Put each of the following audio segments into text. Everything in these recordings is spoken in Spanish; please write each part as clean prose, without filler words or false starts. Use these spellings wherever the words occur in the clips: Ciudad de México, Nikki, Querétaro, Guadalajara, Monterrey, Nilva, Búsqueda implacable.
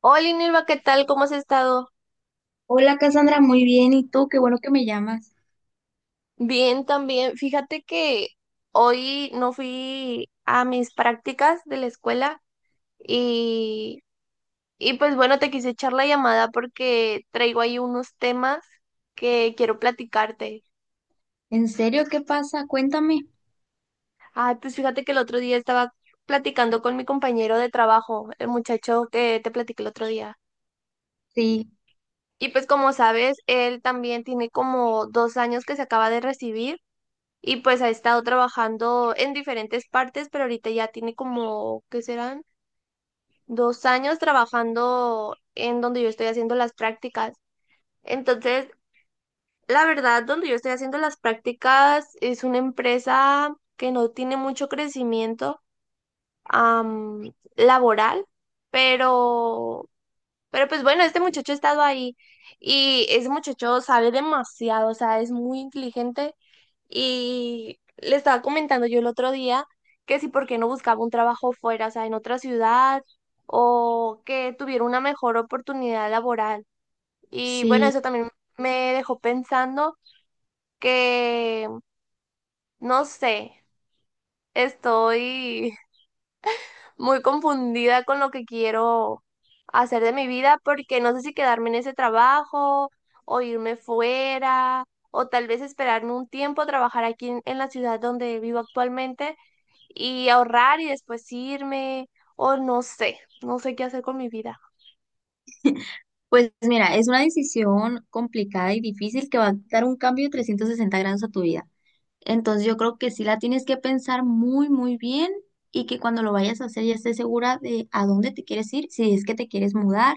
Hola, Nilva, ¿qué tal? ¿Cómo has estado? Hola Cassandra, muy bien. ¿Y tú? Qué bueno que me llamas. Bien, también. Fíjate que hoy no fui a mis prácticas de la escuela y, y pues bueno, te quise echar la llamada porque traigo ahí unos temas que quiero platicarte. ¿En serio? ¿Qué pasa? Cuéntame. Ay, pues fíjate que el otro día estaba platicando con mi compañero de trabajo, el muchacho que te platiqué el otro día. Sí, Y pues como sabes, él también tiene como 2 años que se acaba de recibir. Y pues ha estado trabajando en diferentes partes, pero ahorita ya tiene como, ¿qué serán? 2 años trabajando en donde yo estoy haciendo las prácticas. Entonces, la verdad, donde yo estoy haciendo las prácticas es una empresa que no tiene mucho crecimiento laboral, pero pues bueno, este muchacho ha estado ahí y ese muchacho sabe demasiado, o sea, es muy inteligente y le estaba comentando yo el otro día que si por qué no buscaba un trabajo fuera, o sea, en otra ciudad o que tuviera una mejor oportunidad laboral. Y bueno, sí. eso también me dejó pensando que, no sé, estoy muy confundida con lo que quiero hacer de mi vida porque no sé si quedarme en ese trabajo o irme fuera o tal vez esperarme un tiempo a trabajar aquí en la ciudad donde vivo actualmente y ahorrar y después irme o no sé, no sé qué hacer con mi vida. Pues mira, es una decisión complicada y difícil que va a dar un cambio de 360 grados a tu vida. Entonces yo creo que sí la tienes que pensar muy, muy bien y que cuando lo vayas a hacer ya estés segura de a dónde te quieres ir, si es que te quieres mudar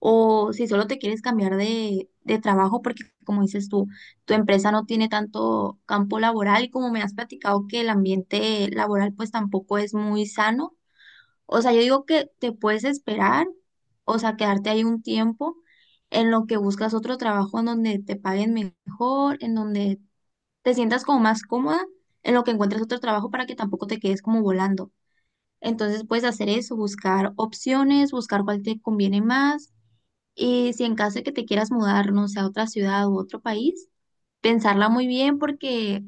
o si solo te quieres cambiar de trabajo, porque como dices tú, tu empresa no tiene tanto campo laboral y como me has platicado que el ambiente laboral pues tampoco es muy sano, o sea, yo digo que te puedes esperar, o sea, quedarte ahí un tiempo en lo que buscas otro trabajo en donde te paguen mejor, en donde te sientas como más cómoda, en lo que encuentres otro trabajo para que tampoco te quedes como volando. Entonces puedes hacer eso, buscar opciones, buscar cuál te conviene más y si en caso de que te quieras mudar, no sé, a otra ciudad u otro país, pensarla muy bien porque,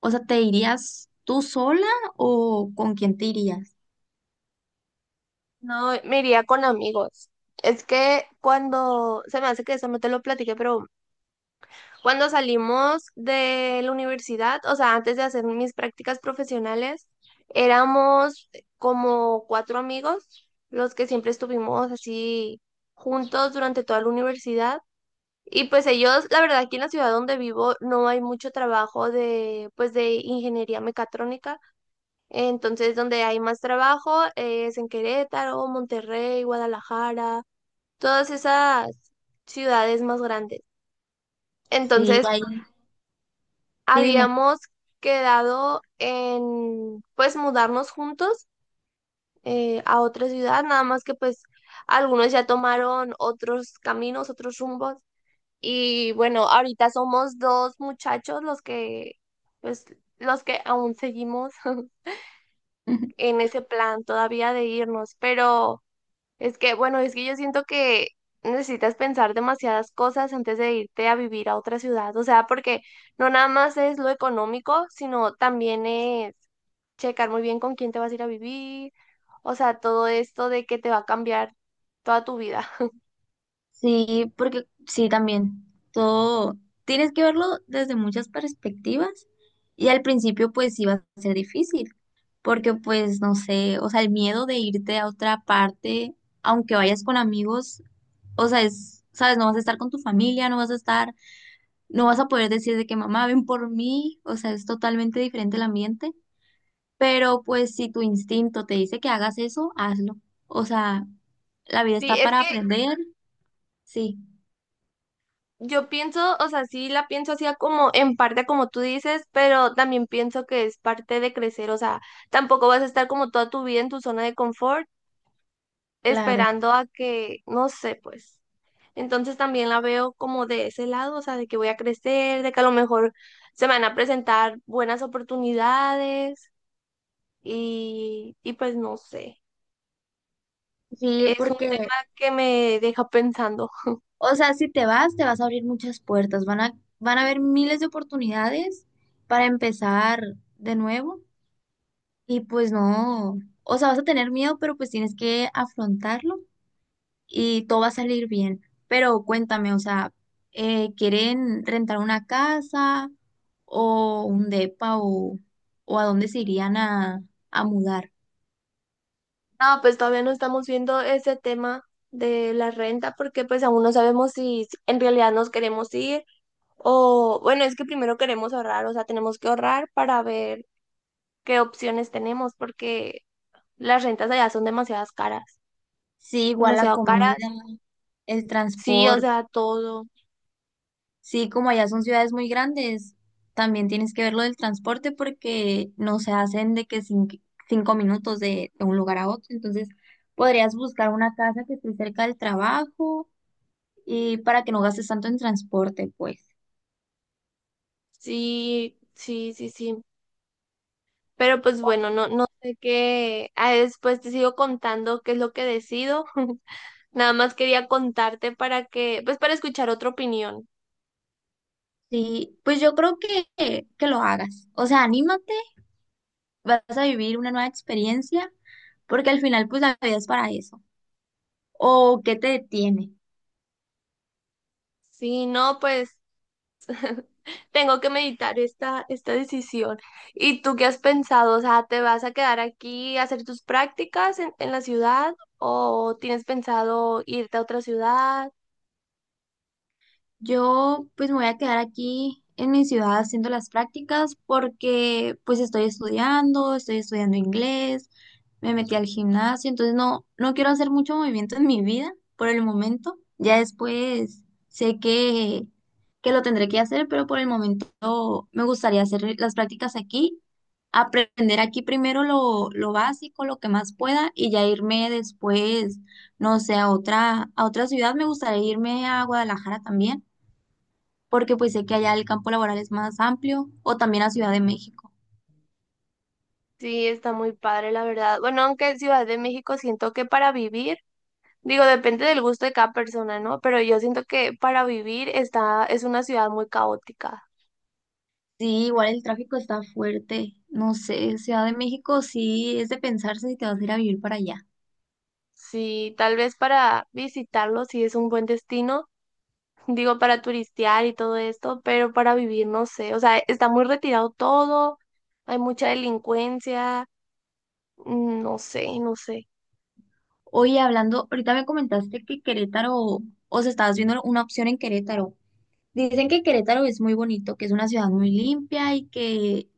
o sea, ¿te irías tú sola o con quién te irías? No, me iría con amigos. Es que cuando, se me hace que eso no te lo platiqué, pero cuando salimos de la universidad, o sea, antes de hacer mis prácticas profesionales, éramos como cuatro amigos, los que siempre estuvimos así juntos durante toda la universidad. Y pues ellos, la verdad, aquí en la ciudad donde vivo no hay mucho trabajo de, pues de ingeniería mecatrónica. Entonces, donde hay más trabajo es en Querétaro, Monterrey, Guadalajara, todas esas ciudades más grandes. Sí, Entonces, ahí, sí, dime. habíamos quedado en, pues, mudarnos juntos a otra ciudad, nada más que pues algunos ya tomaron otros caminos, otros rumbos. Y bueno, ahorita somos dos muchachos los que, pues, los que aún seguimos en ese plan todavía de irnos, pero... Es que, bueno, es que yo siento que necesitas pensar demasiadas cosas antes de irte a vivir a otra ciudad, o sea, porque no nada más es lo económico, sino también es checar muy bien con quién te vas a ir a vivir, o sea, todo esto de que te va a cambiar toda tu vida. Sí, porque sí, también. Todo tienes que verlo desde muchas perspectivas y al principio pues sí va a ser difícil, porque pues no sé, o sea, el miedo de irte a otra parte, aunque vayas con amigos, o sea, es, sabes, no vas a estar con tu familia, no vas a estar, no vas a poder decir de que mamá, ven por mí, o sea, es totalmente diferente el ambiente, pero pues si tu instinto te dice que hagas eso, hazlo. O sea, la vida Sí, está es para que aprender, sí, yo pienso, o sea, sí la pienso así a como en parte como tú dices, pero también pienso que es parte de crecer, o sea, tampoco vas a estar como toda tu vida en tu zona de confort claro. esperando a que, no sé, pues. Entonces también la veo como de ese lado, o sea, de que voy a crecer, de que a lo mejor se me van a presentar buenas oportunidades y pues no sé, Sí, es un porque, tema que me deja pensando. o sea, si te vas, te vas a abrir muchas puertas, van a, van a haber miles de oportunidades para empezar de nuevo y pues no, o sea, vas a tener miedo, pero pues tienes que afrontarlo y todo va a salir bien. Pero cuéntame, o sea, ¿quieren rentar una casa o un depa o a dónde se irían a mudar? No, pues todavía no estamos viendo ese tema de la renta porque pues aún no sabemos si en realidad nos queremos ir o bueno, es que primero queremos ahorrar, o sea, tenemos que ahorrar para ver qué opciones tenemos porque las rentas allá son demasiadas caras, Sí, igual la demasiado comida, caras. el Sí, o transporte. sea, todo. Sí, como allá son ciudades muy grandes, también tienes que ver lo del transporte porque no se hacen de que 5 minutos de un lugar a otro. Entonces, podrías buscar una casa que esté cerca del trabajo y para que no gastes tanto en transporte, pues. Sí, sí, sí, sí. Pero pues bueno, no, no sé qué. Ah, después te sigo contando qué es lo que decido. Nada más quería contarte para que, pues para escuchar otra opinión. Sí, pues yo creo que lo hagas. O sea, anímate, vas a vivir una nueva experiencia porque al final, pues la vida es para eso. ¿O qué te detiene? Sí, no, pues tengo que meditar esta decisión. ¿Y tú qué has pensado? O sea, ¿te vas a quedar aquí a hacer tus prácticas en la ciudad o tienes pensado irte a otra ciudad? Yo pues me voy a quedar aquí en mi ciudad haciendo las prácticas porque pues estoy estudiando inglés, me metí al gimnasio, entonces no, no quiero hacer mucho movimiento en mi vida por el momento. Ya después sé que lo tendré que hacer, pero por el momento me gustaría hacer las prácticas aquí, aprender aquí primero lo básico, lo que más pueda y ya irme después, no sé, a otra ciudad. Me gustaría irme a Guadalajara también porque pues sé que allá el campo laboral es más amplio, o también a Ciudad de México. Sí, está muy padre, la verdad. Bueno, aunque Ciudad de México siento que para vivir, digo, depende del gusto de cada persona, ¿no? Pero yo siento que para vivir está, es una ciudad muy caótica. Sí, igual el tráfico está fuerte. No sé, Ciudad de México sí es de pensarse si te vas a ir a vivir para allá. Sí, tal vez para visitarlo sí es un buen destino, digo, para turistear y todo esto, pero para vivir no sé, o sea, está muy retirado todo, hay mucha delincuencia, no sé, no sé. Oye, hablando, ahorita me comentaste que Querétaro, o sea, estabas viendo una opción en Querétaro. Dicen que Querétaro es muy bonito, que es una ciudad muy limpia y que,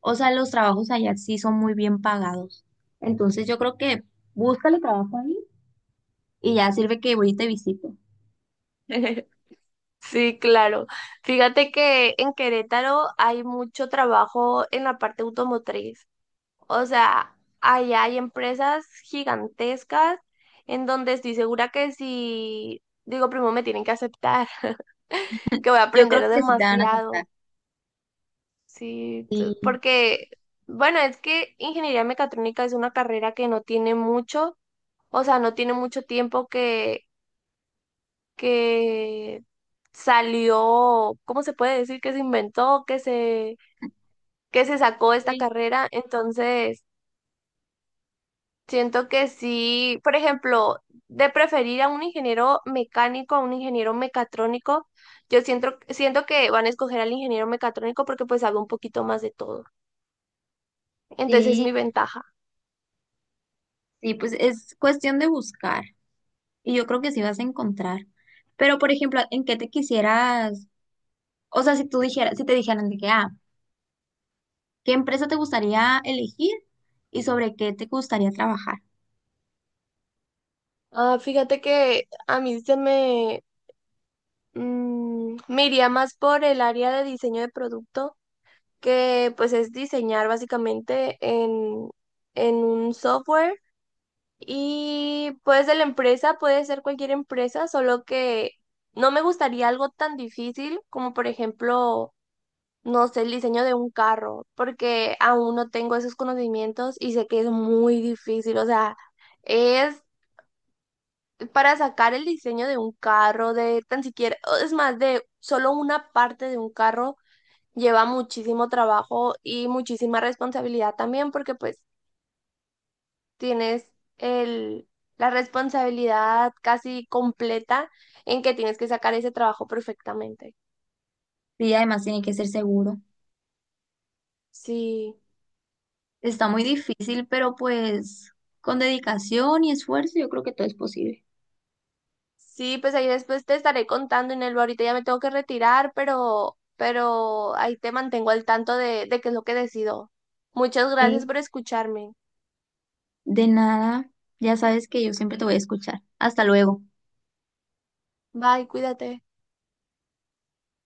o sea, los trabajos allá sí son muy bien pagados. Entonces yo creo que búscale trabajo ahí y ya sirve que voy y te visito. Sí, claro. Fíjate que en Querétaro hay mucho trabajo en la parte automotriz. O sea, allá hay empresas gigantescas en donde estoy segura que si digo primo me tienen que aceptar, que voy a Yo creo aprender que sí te van a demasiado, aceptar. sí, Sí. porque, bueno, es que ingeniería mecatrónica es una carrera que no tiene mucho, o sea, no tiene mucho tiempo que salió, ¿cómo se puede decir? Que se inventó, que se sacó esta Sí. carrera, entonces... Siento que sí, por ejemplo, de preferir a un ingeniero mecánico a un ingeniero mecatrónico, yo siento que van a escoger al ingeniero mecatrónico porque pues sabe un poquito más de todo. Entonces es Sí, mi ventaja. sí, pues es cuestión de buscar y yo creo que sí vas a encontrar. Pero, por ejemplo, ¿en qué te quisieras, o sea, si tú dijeras, si te dijeran de que, ah, ¿qué empresa te gustaría elegir y sobre qué te gustaría trabajar? Ah, fíjate que a mí se me, me iría más por el área de diseño de producto, que pues es diseñar básicamente en un software. Y pues de la empresa puede ser cualquier empresa, solo que no me gustaría algo tan difícil como por ejemplo, no sé, el diseño de un carro, porque aún no tengo esos conocimientos y sé que es muy difícil, o sea, es para sacar el diseño de un carro, de tan siquiera, o es más, de solo una parte de un carro lleva muchísimo trabajo y muchísima responsabilidad también, porque pues tienes el, la responsabilidad casi completa en que tienes que sacar ese trabajo perfectamente. Y además tiene que ser seguro. Sí, Está muy difícil, pero pues con dedicación y esfuerzo yo creo que todo es posible. sí, pues ahí después te estaré contando, Inelva. Ahorita ya me tengo que retirar, pero ahí te mantengo al tanto de qué es lo que decido. Muchas gracias Sí. por escucharme. De nada, ya sabes que yo siempre te voy a escuchar. Hasta luego. Bye, cuídate.